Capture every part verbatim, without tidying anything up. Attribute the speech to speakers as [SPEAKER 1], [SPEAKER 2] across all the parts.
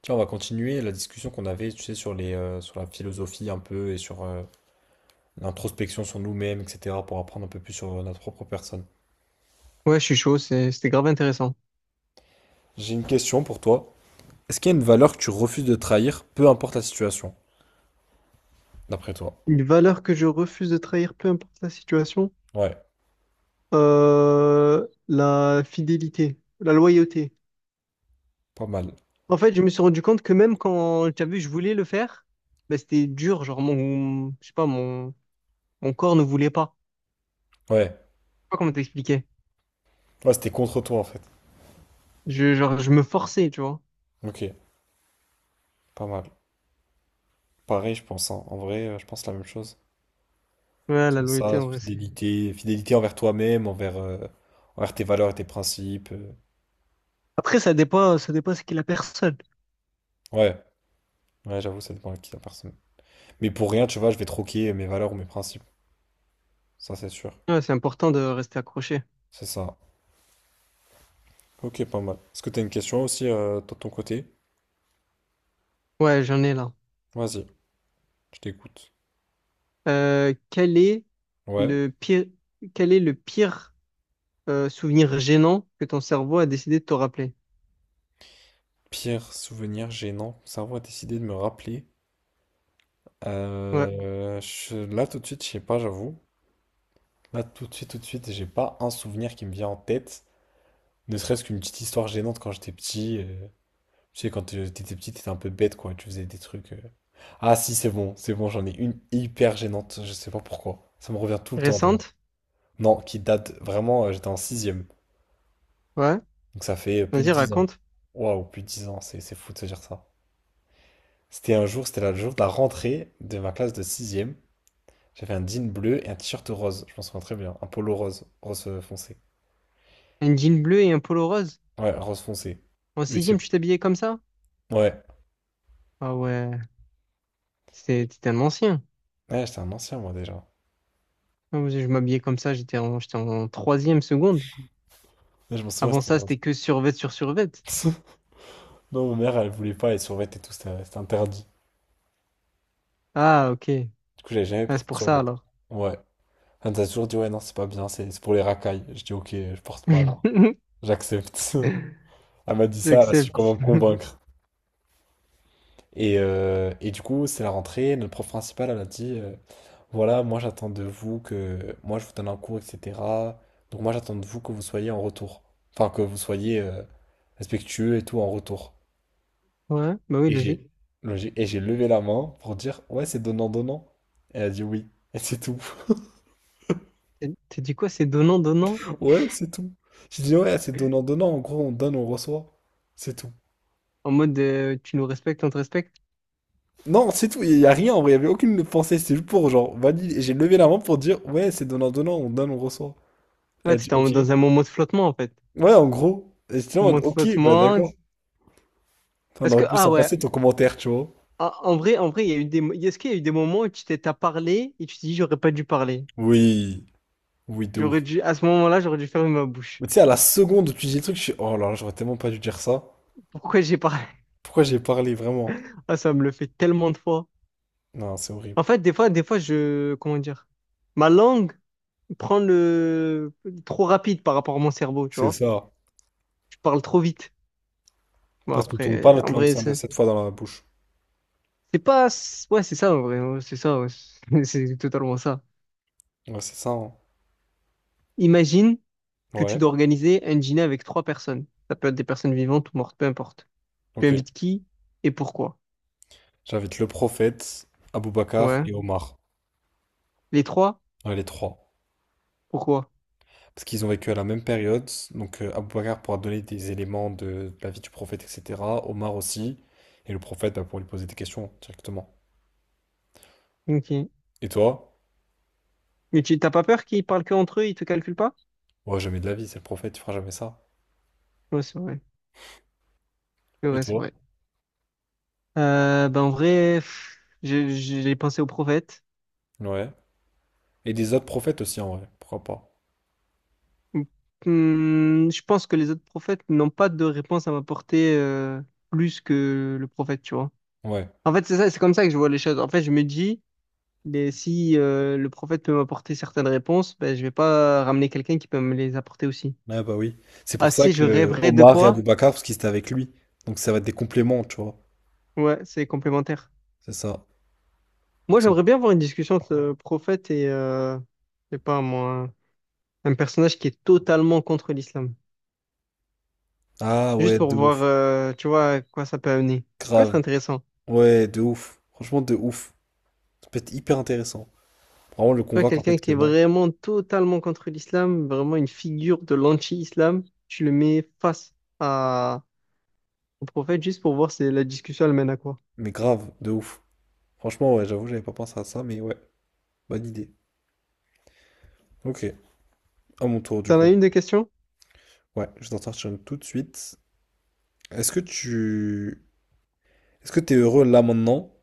[SPEAKER 1] Tiens, on va continuer la discussion qu'on avait, tu sais, sur les, euh, sur la philosophie un peu et sur euh, l'introspection sur nous-mêmes, et cetera, pour apprendre un peu plus sur euh, notre propre personne.
[SPEAKER 2] Ouais, je suis chaud, c'est- c'était grave intéressant.
[SPEAKER 1] J'ai une question pour toi. Est-ce qu'il y a une valeur que tu refuses de trahir, peu importe la situation, d'après toi?
[SPEAKER 2] Une valeur que je refuse de trahir, peu importe la situation,
[SPEAKER 1] Ouais,
[SPEAKER 2] euh, la fidélité, la loyauté.
[SPEAKER 1] pas mal.
[SPEAKER 2] En fait, je me suis rendu compte que même quand, tu as vu, je voulais le faire, bah, c'était dur, genre mon, je sais pas, mon, mon corps ne voulait pas.
[SPEAKER 1] Ouais,
[SPEAKER 2] Je sais pas comment t'expliquer.
[SPEAKER 1] ouais, c'était contre toi en fait.
[SPEAKER 2] Je, genre, je me forçais, tu vois.
[SPEAKER 1] Ok, pas mal. Pareil, je pense, hein. En vrai, euh, je pense la même chose.
[SPEAKER 2] Ouais, la
[SPEAKER 1] Sur
[SPEAKER 2] loyauté,
[SPEAKER 1] ça,
[SPEAKER 2] en vrai, c'est.
[SPEAKER 1] fidélité, fidélité envers toi-même, envers, euh, envers tes valeurs et tes principes. Euh.
[SPEAKER 2] Après, ça dépend, ça dépend ce qu'est la personne.
[SPEAKER 1] Ouais, ouais, j'avoue, ça dépend à qui la personne. Mais pour rien, tu vois, je vais troquer mes valeurs ou mes principes. Ça, c'est sûr.
[SPEAKER 2] Ouais, c'est important de rester accroché.
[SPEAKER 1] C'est ça. Ok, pas mal. Est-ce que t'as une question aussi euh, toi, de ton côté?
[SPEAKER 2] Ouais, j'en ai là.
[SPEAKER 1] Vas-y, je t'écoute.
[SPEAKER 2] Euh, quel est
[SPEAKER 1] Ouais.
[SPEAKER 2] le pire, quel est le pire euh, souvenir gênant que ton cerveau a décidé de te rappeler.
[SPEAKER 1] Pire souvenir gênant. Mon cerveau a décidé de me rappeler.
[SPEAKER 2] Ouais.
[SPEAKER 1] Euh, je- Là, tout de suite, je sais pas, j'avoue. Là, tout de suite, tout de suite, j'ai pas un souvenir qui me vient en tête. Ne serait-ce qu'une petite histoire gênante quand j'étais petit. Euh, Tu sais, quand euh, t'étais petit, t'étais un peu bête, quoi. Tu faisais des trucs. Euh, Ah si, c'est bon, c'est bon, j'en ai une hyper gênante, je sais pas pourquoi. Ça me revient tout le temps d'ailleurs.
[SPEAKER 2] Récente?
[SPEAKER 1] Non, qui date vraiment, euh, j'étais en sixième.
[SPEAKER 2] Ouais.
[SPEAKER 1] Donc ça fait euh, plus de
[SPEAKER 2] Vas-y,
[SPEAKER 1] dix ans.
[SPEAKER 2] raconte.
[SPEAKER 1] Waouh, plus de dix ans, c'est c'est fou de se dire ça. C'était un jour, c'était la- le jour de la rentrée de ma classe de sixième. J'avais un jean bleu et un t-shirt rose, je m'en souviens très bien. Un polo rose, rose euh, foncé.
[SPEAKER 2] Un jean bleu et un polo rose.
[SPEAKER 1] Ouais, rose foncé.
[SPEAKER 2] En
[SPEAKER 1] Mais c'est...
[SPEAKER 2] sixième, tu t'habillais comme ça?
[SPEAKER 1] Ouais.
[SPEAKER 2] Ah ouais, c'était t'étais un ancien.
[SPEAKER 1] Ouais, j'étais un ancien moi déjà.
[SPEAKER 2] Ah ouais, je m'habillais comme ça, j'étais en, j'étais en troisième seconde.
[SPEAKER 1] Ouais, je m'en souviens,
[SPEAKER 2] Avant
[SPEAKER 1] c'était
[SPEAKER 2] ça,
[SPEAKER 1] rose.
[SPEAKER 2] c'était que survêt sur survêt.
[SPEAKER 1] Non, ma mère, elle voulait pas les survêtements et tout, c'était c'était interdit.
[SPEAKER 2] Ah, ok.
[SPEAKER 1] Du coup, j'avais jamais
[SPEAKER 2] Ah, c'est
[SPEAKER 1] porté de
[SPEAKER 2] pour ça
[SPEAKER 1] survêt.
[SPEAKER 2] alors.
[SPEAKER 1] Ouais. Elle nous a toujours dit, ouais, non, c'est pas bien, c'est c'est pour les racailles. Je dis, ok, je porte pas alors. J'accepte. Elle m'a dit ça, elle a su
[SPEAKER 2] J'accepte.
[SPEAKER 1] comment me convaincre. Et, euh, et du coup, c'est la rentrée, notre prof principal, elle a dit, euh, voilà, moi j'attends de vous que, moi je vous donne un cours, et cetera. Donc moi j'attends de vous que vous soyez en retour. Enfin, que vous soyez euh, respectueux et tout en retour.
[SPEAKER 2] Ouais, bah oui,
[SPEAKER 1] Et
[SPEAKER 2] logique.
[SPEAKER 1] j'ai, j'ai- et j'ai levé la main pour dire, ouais, c'est donnant-donnant. Elle a dit oui. Et c'est tout.
[SPEAKER 2] T'as t'as dit quoi? C'est donnant, donnant?
[SPEAKER 1] Ouais, c'est tout. J'ai dit, ouais, c'est donnant-donnant. En gros, on donne, on reçoit. C'est tout.
[SPEAKER 2] En mode euh, tu nous respectes, on te respecte?
[SPEAKER 1] Non, c'est tout, il y a rien en vrai, il y avait aucune pensée, c'était juste pour genre valider. Et j'ai levé la main pour dire ouais, c'est donnant donnant, on donne, on reçoit. Elle
[SPEAKER 2] Ouais,
[SPEAKER 1] a dit
[SPEAKER 2] c'était en-
[SPEAKER 1] OK.
[SPEAKER 2] dans un moment de flottement en fait.
[SPEAKER 1] Ouais, en gros. Et j'étais là en mode
[SPEAKER 2] Moment de
[SPEAKER 1] OK, bah
[SPEAKER 2] flottement.
[SPEAKER 1] d'accord. Enfin, on
[SPEAKER 2] Est-ce
[SPEAKER 1] aurait
[SPEAKER 2] que,
[SPEAKER 1] pu
[SPEAKER 2] ah
[SPEAKER 1] s'en
[SPEAKER 2] ouais,
[SPEAKER 1] passer ton commentaire, tu vois.
[SPEAKER 2] en en vrai, en vrai, il y a eu des, mo- est-ce qu'il y a eu des moments où tu t'es, t'as parlé et tu t'es dit, j'aurais pas dû parler.
[SPEAKER 1] Oui, oui, de
[SPEAKER 2] J'aurais
[SPEAKER 1] ouf.
[SPEAKER 2] dû, à ce moment-là, j'aurais dû fermer ma bouche.
[SPEAKER 1] Mais tu sais, à la seconde où tu dis le truc, je suis oh là là, j'aurais tellement pas dû dire ça.
[SPEAKER 2] Pourquoi j'ai parlé?
[SPEAKER 1] Pourquoi j'ai parlé vraiment?
[SPEAKER 2] Ah, ça me le fait tellement de fois.
[SPEAKER 1] Non, c'est
[SPEAKER 2] En
[SPEAKER 1] horrible.
[SPEAKER 2] fait, des fois, des fois, je, comment dire, ma langue prend le, trop rapide par rapport à mon cerveau, tu
[SPEAKER 1] C'est
[SPEAKER 2] vois.
[SPEAKER 1] ça.
[SPEAKER 2] Je parle trop vite. Bon,
[SPEAKER 1] Parce qu'on tourne pas
[SPEAKER 2] après,
[SPEAKER 1] notre
[SPEAKER 2] en
[SPEAKER 1] langue
[SPEAKER 2] vrai,
[SPEAKER 1] ça,
[SPEAKER 2] c'est
[SPEAKER 1] cette fois dans la bouche.
[SPEAKER 2] c'est pas, c'est- ouais, c'est ça, en vrai, ouais, c'est ça, ouais. C'est totalement ça.
[SPEAKER 1] Ouais, c'est ça, hein.
[SPEAKER 2] Imagine que tu
[SPEAKER 1] Ouais,
[SPEAKER 2] dois organiser un dîner avec trois personnes. Ça peut être des personnes vivantes ou mortes, peu importe. Tu
[SPEAKER 1] ok.
[SPEAKER 2] invites qui et pourquoi?
[SPEAKER 1] J'invite le prophète, Abou Bakar
[SPEAKER 2] Ouais.
[SPEAKER 1] et Omar.
[SPEAKER 2] Les trois?
[SPEAKER 1] Ouais, les trois.
[SPEAKER 2] Pourquoi?
[SPEAKER 1] Parce qu'ils ont vécu à la même période. Donc euh, Abou Bakr pourra donner des éléments de, de la vie du prophète, et cetera. Omar aussi. Et le prophète bah, pourra lui poser des questions directement.
[SPEAKER 2] Ok.
[SPEAKER 1] Et toi?
[SPEAKER 2] Mais tu t'as pas peur qu'ils parlent que entre eux, ils te calculent pas?
[SPEAKER 1] Ouais, jamais de la vie, c'est le prophète, il fera jamais ça.
[SPEAKER 2] Ouais, c'est vrai. C'est
[SPEAKER 1] Et
[SPEAKER 2] vrai, c'est
[SPEAKER 1] toi?
[SPEAKER 2] vrai. Euh, ben en vrai, pff, j'ai j'ai pensé aux prophètes.
[SPEAKER 1] Ouais. Et des autres prophètes aussi, en vrai. Pourquoi pas?
[SPEAKER 2] Hmm, je pense que les autres prophètes n'ont pas de réponse à m'apporter euh, plus que le prophète, tu vois.
[SPEAKER 1] Ouais.
[SPEAKER 2] En fait, c'est ça, c'est comme ça que je vois les choses. En fait, je me dis, mais si euh, le prophète peut m'apporter certaines réponses, ben, je vais pas ramener quelqu'un qui peut me les apporter aussi.
[SPEAKER 1] Ouais, bah oui. C'est
[SPEAKER 2] Ah,
[SPEAKER 1] pour
[SPEAKER 2] tu
[SPEAKER 1] ça
[SPEAKER 2] sais, je
[SPEAKER 1] que
[SPEAKER 2] rêverais de
[SPEAKER 1] Omar et Abou
[SPEAKER 2] quoi?
[SPEAKER 1] Bakr, parce qu'ils étaient avec lui. Donc ça va être des compléments, tu vois.
[SPEAKER 2] Ouais, c'est complémentaire.
[SPEAKER 1] C'est ça.
[SPEAKER 2] Moi,
[SPEAKER 1] Donc, c'est-
[SPEAKER 2] j'aimerais bien avoir une discussion entre le prophète et, euh, je sais pas moi, un personnage qui est totalement contre l'islam.
[SPEAKER 1] Ah
[SPEAKER 2] Juste
[SPEAKER 1] ouais,
[SPEAKER 2] pour
[SPEAKER 1] de
[SPEAKER 2] voir,
[SPEAKER 1] ouf.
[SPEAKER 2] euh, tu vois, à quoi ça peut amener. Ça peut être
[SPEAKER 1] Grave.
[SPEAKER 2] intéressant. Tu
[SPEAKER 1] Ouais, de ouf. Franchement, de ouf. Ça peut être hyper intéressant. Vraiment le
[SPEAKER 2] vois,
[SPEAKER 1] convaincre en
[SPEAKER 2] quelqu'un
[SPEAKER 1] fait
[SPEAKER 2] qui
[SPEAKER 1] que
[SPEAKER 2] est
[SPEAKER 1] non.
[SPEAKER 2] vraiment totalement contre l'islam, vraiment une figure de l'anti-islam, tu le mets face à, au prophète juste pour voir si la discussion elle mène à quoi.
[SPEAKER 1] Mais grave, de ouf. Franchement, ouais, j'avoue, j'avais pas pensé à ça, mais ouais, bonne idée. Ok, à mon tour du
[SPEAKER 2] T'en
[SPEAKER 1] coup.
[SPEAKER 2] as une des questions?
[SPEAKER 1] Ouais, je t'en sortir une tout de suite. Est-ce que tu... Est-ce que t'es heureux là maintenant?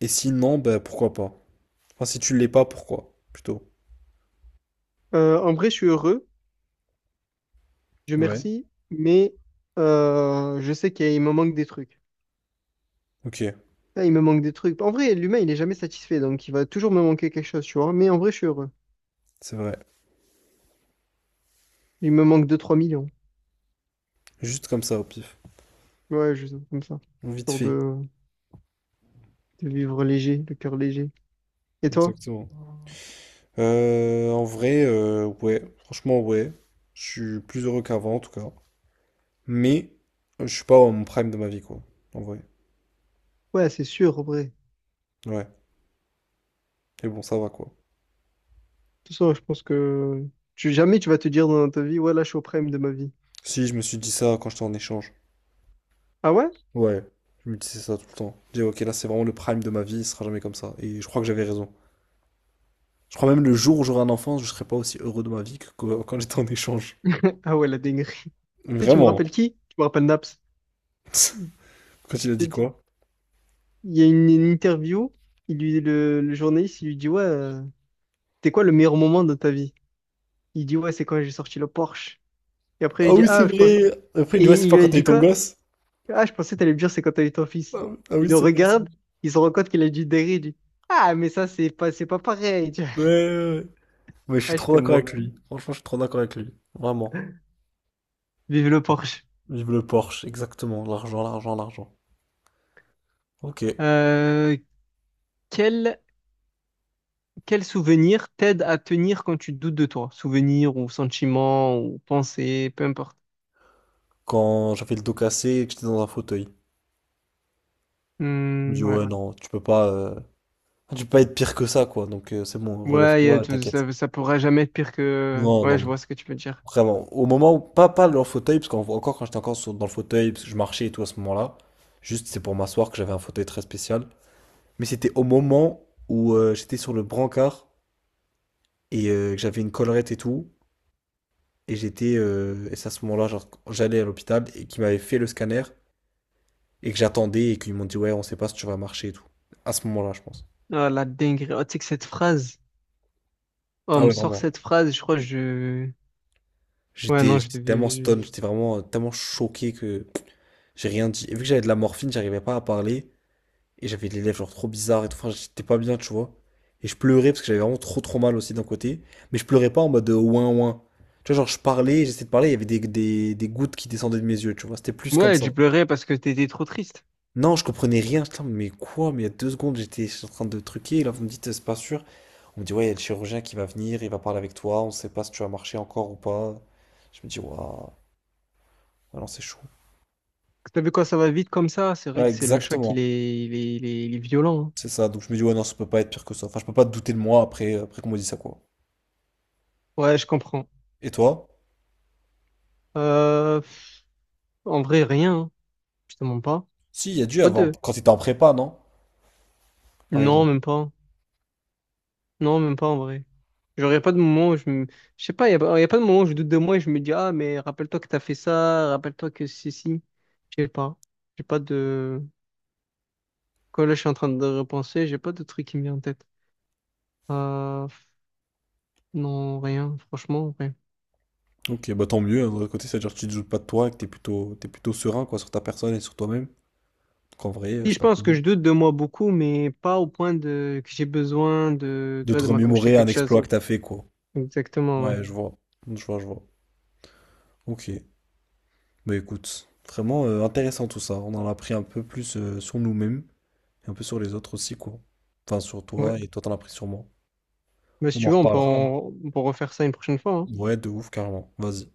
[SPEAKER 1] Et sinon, ben pourquoi pas? Enfin, si tu l'es pas, pourquoi? Plutôt.
[SPEAKER 2] Euh, en vrai, je suis heureux, je
[SPEAKER 1] Ouais.
[SPEAKER 2] merci, mais euh, je sais qu'il me manque des trucs.
[SPEAKER 1] Ok,
[SPEAKER 2] Là, il me manque des trucs. En vrai, l'humain, il est jamais satisfait, donc il va toujours me manquer quelque chose, tu vois. Mais en vrai, je suis heureux.
[SPEAKER 1] c'est vrai.
[SPEAKER 2] Il me manque deux trois millions.
[SPEAKER 1] Juste comme ça, au pif.
[SPEAKER 2] Ouais, juste comme ça.
[SPEAKER 1] Vite
[SPEAKER 2] Pour
[SPEAKER 1] fait.
[SPEAKER 2] de, de vivre léger, le cœur léger. Et toi?
[SPEAKER 1] Exactement. Euh, en vrai, euh, ouais. Franchement, ouais. Je suis plus heureux qu'avant, en tout cas. Mais, euh, je suis pas au prime de ma vie, quoi. En vrai.
[SPEAKER 2] Ouais, c'est sûr, en vrai.
[SPEAKER 1] Ouais. Et bon, ça va, quoi.
[SPEAKER 2] Tout ça je pense que tu, jamais tu vas te dire dans ta vie, ouais, là, je suis au prime de ma vie.
[SPEAKER 1] Si, je me suis dit ça quand j'étais en échange.
[SPEAKER 2] Ah ouais?
[SPEAKER 1] Ouais, je me disais ça tout le temps. Je disais, ok, là c'est vraiment le prime de ma vie, il sera jamais comme ça. Et je crois que j'avais raison. Je crois même le jour où j'aurai un enfant, je serai pas aussi heureux de ma vie que que- quand j'étais en échange.
[SPEAKER 2] Ah ouais, la dinguerie. Tu sais, tu me rappelles
[SPEAKER 1] Vraiment.
[SPEAKER 2] qui? Tu me rappelles Naps.
[SPEAKER 1] Quand il a dit
[SPEAKER 2] Tu- tu-
[SPEAKER 1] quoi?
[SPEAKER 2] Il y a une, une interview, il lui, le, le journaliste, il lui dit, ouais, euh, c'était quoi le meilleur moment de ta vie? Il dit, ouais, c'est quand j'ai sorti le Porsche. Et après, il
[SPEAKER 1] Ah
[SPEAKER 2] dit,
[SPEAKER 1] oui, c'est
[SPEAKER 2] ah, je pense.
[SPEAKER 1] vrai. Après, il
[SPEAKER 2] Et
[SPEAKER 1] dit, ouais, c'est
[SPEAKER 2] il
[SPEAKER 1] pas
[SPEAKER 2] lui
[SPEAKER 1] quand
[SPEAKER 2] a
[SPEAKER 1] t'as eu
[SPEAKER 2] dit
[SPEAKER 1] ton
[SPEAKER 2] quoi?
[SPEAKER 1] gosse.
[SPEAKER 2] Ah, je pensais que t'allais me dire c'est quand t'as eu ton fils.
[SPEAKER 1] Ah oui, ah oui,
[SPEAKER 2] Il le
[SPEAKER 1] c'est vrai, c'est vrai.
[SPEAKER 2] regarde, il se rend compte qu'il a dû derrière, il dit, ah, mais ça, c'est pas, c'est pas pareil.
[SPEAKER 1] Ouais, ouais, ouais. Mais je suis
[SPEAKER 2] Ah,
[SPEAKER 1] trop
[SPEAKER 2] j'étais
[SPEAKER 1] d'accord avec
[SPEAKER 2] mort.
[SPEAKER 1] lui. Franchement, je suis trop d'accord avec lui. Vraiment.
[SPEAKER 2] Vive le Porsche.
[SPEAKER 1] Vive le Porsche, exactement. L'argent, l'argent, l'argent. Ok.
[SPEAKER 2] Euh, quel, quel souvenir t'aide à tenir quand tu doutes de toi? Souvenir ou sentiment ou pensée, peu importe.
[SPEAKER 1] Quand j'avais le dos cassé et que j'étais dans un fauteuil, il me dit,
[SPEAKER 2] Hmm, ouais.
[SPEAKER 1] ouais, non, tu peux pas. Euh, Enfin, tu peux pas être pire que ça, quoi. Donc euh, c'est bon,
[SPEAKER 2] Ouais, y a-
[SPEAKER 1] relève-toi,
[SPEAKER 2] tu-
[SPEAKER 1] t'inquiète.
[SPEAKER 2] ça, ça pourra jamais être pire que.
[SPEAKER 1] Non,
[SPEAKER 2] Ouais,
[SPEAKER 1] non,
[SPEAKER 2] je
[SPEAKER 1] non.
[SPEAKER 2] vois ce que tu veux dire.
[SPEAKER 1] Vraiment. Au moment où, pas, pas dans le fauteuil, parce qu'encore quand j'étais encore sur- dans le fauteuil, parce que je marchais et tout à ce moment-là, juste c'est pour m'asseoir que j'avais un fauteuil très spécial. Mais c'était au moment où euh, j'étais sur le brancard et euh, que j'avais une collerette et tout, et j'étais, euh, et c'est à ce moment-là, genre, j'allais à l'hôpital et qu'ils m'avaient fait le scanner et que j'attendais et qu'ils m'ont dit, ouais, on sait pas si tu vas marcher et tout. À ce moment-là, je pense.
[SPEAKER 2] Ah, la dinguerie. Oh, tu sais que cette phrase. Oh, on
[SPEAKER 1] Ah
[SPEAKER 2] me
[SPEAKER 1] ouais,
[SPEAKER 2] sort
[SPEAKER 1] vraiment.
[SPEAKER 2] cette phrase, je crois que je. Ouais,
[SPEAKER 1] J'étais,
[SPEAKER 2] non, je
[SPEAKER 1] j'étais tellement
[SPEAKER 2] devais.
[SPEAKER 1] stone, j'étais vraiment euh, tellement choqué que. J'ai rien dit. Et vu que j'avais de la morphine, j'arrivais pas à parler. Et j'avais les lèvres genre trop bizarres et tout. Enfin, j'étais pas bien, tu vois. Et je pleurais parce que j'avais vraiment trop trop mal aussi d'un côté. Mais je pleurais pas en mode euh, ouin ouin. Tu vois, genre je parlais, j'essayais de parler, il y avait des, des, des gouttes qui descendaient de mes yeux, tu vois. C'était plus comme
[SPEAKER 2] Ouais,
[SPEAKER 1] ça.
[SPEAKER 2] tu pleurais parce que t'étais trop triste.
[SPEAKER 1] Non, je comprenais rien. Putain, mais quoi? Mais il y a deux secondes, j'étais en train de truquer. Et là, vous me dites, c'est pas sûr. On me dit, ouais, il y a le chirurgien qui va venir, il va parler avec toi. On sait pas si tu vas marcher encore ou pas. Je me dis, waouh, ah non, c'est chaud.
[SPEAKER 2] T'as vu quand ça va vite comme ça, c'est vrai
[SPEAKER 1] Ouais,
[SPEAKER 2] que c'est le choc, il
[SPEAKER 1] exactement.
[SPEAKER 2] est, il est, il est, il est violent. Hein.
[SPEAKER 1] C'est ça, donc je me dis, ouais, non, ça peut pas être pire que ça. Enfin, je peux pas douter de moi après, après qu'on me dise ça, quoi.
[SPEAKER 2] Ouais, je comprends.
[SPEAKER 1] Et toi?
[SPEAKER 2] Euh, pff, en vrai, rien. Hein. Je te mens pas.
[SPEAKER 1] Si, il y a
[SPEAKER 2] J'ai
[SPEAKER 1] dû
[SPEAKER 2] pas
[SPEAKER 1] avoir,
[SPEAKER 2] de.
[SPEAKER 1] quand t'étais en prépa, non? Par
[SPEAKER 2] Non,
[SPEAKER 1] exemple.
[SPEAKER 2] même pas. Non, même pas en vrai. J'aurais pas de moment où je me. Je sais pas, y a, pas y a pas de moment où je doute de moi et je me dis, ah, mais rappelle-toi que t'as fait ça, rappelle-toi que ceci. Je sais pas. J'ai pas de. Quand là, je suis en train de repenser, j'ai pas de truc qui me vient en tête. Euh, pff, non, rien, franchement, rien.
[SPEAKER 1] Ok, bah tant mieux, hein, d'un autre côté, c'est-à-dire que tu te doutes pas de toi et que t'es plutôt, t'es plutôt serein, quoi, sur ta personne et sur toi-même. Qu'en vrai, euh,
[SPEAKER 2] Si,
[SPEAKER 1] c'est
[SPEAKER 2] je
[SPEAKER 1] pas
[SPEAKER 2] pense
[SPEAKER 1] plus
[SPEAKER 2] que
[SPEAKER 1] mal.
[SPEAKER 2] je doute de moi beaucoup, mais pas au point de que j'ai besoin de, tu
[SPEAKER 1] De
[SPEAKER 2] vois,
[SPEAKER 1] te
[SPEAKER 2] de m'accrocher à
[SPEAKER 1] remémorer un
[SPEAKER 2] quelque chose.
[SPEAKER 1] exploit que t'as fait, quoi.
[SPEAKER 2] Exactement, ouais.
[SPEAKER 1] Ouais, je vois. Je vois, je vois. Ok. Bah écoute, vraiment euh, intéressant tout ça. On en a appris un peu plus euh, sur nous-mêmes et un peu sur les autres aussi, quoi. Enfin, sur
[SPEAKER 2] Ouais.
[SPEAKER 1] toi et toi, t'en as appris sur moi.
[SPEAKER 2] Bah, si
[SPEAKER 1] On en
[SPEAKER 2] tu veux, on peut,
[SPEAKER 1] reparlera, hein.
[SPEAKER 2] en- on peut refaire ça une prochaine fois. Hein.
[SPEAKER 1] Ouais, de ouf, carrément. Vas-y.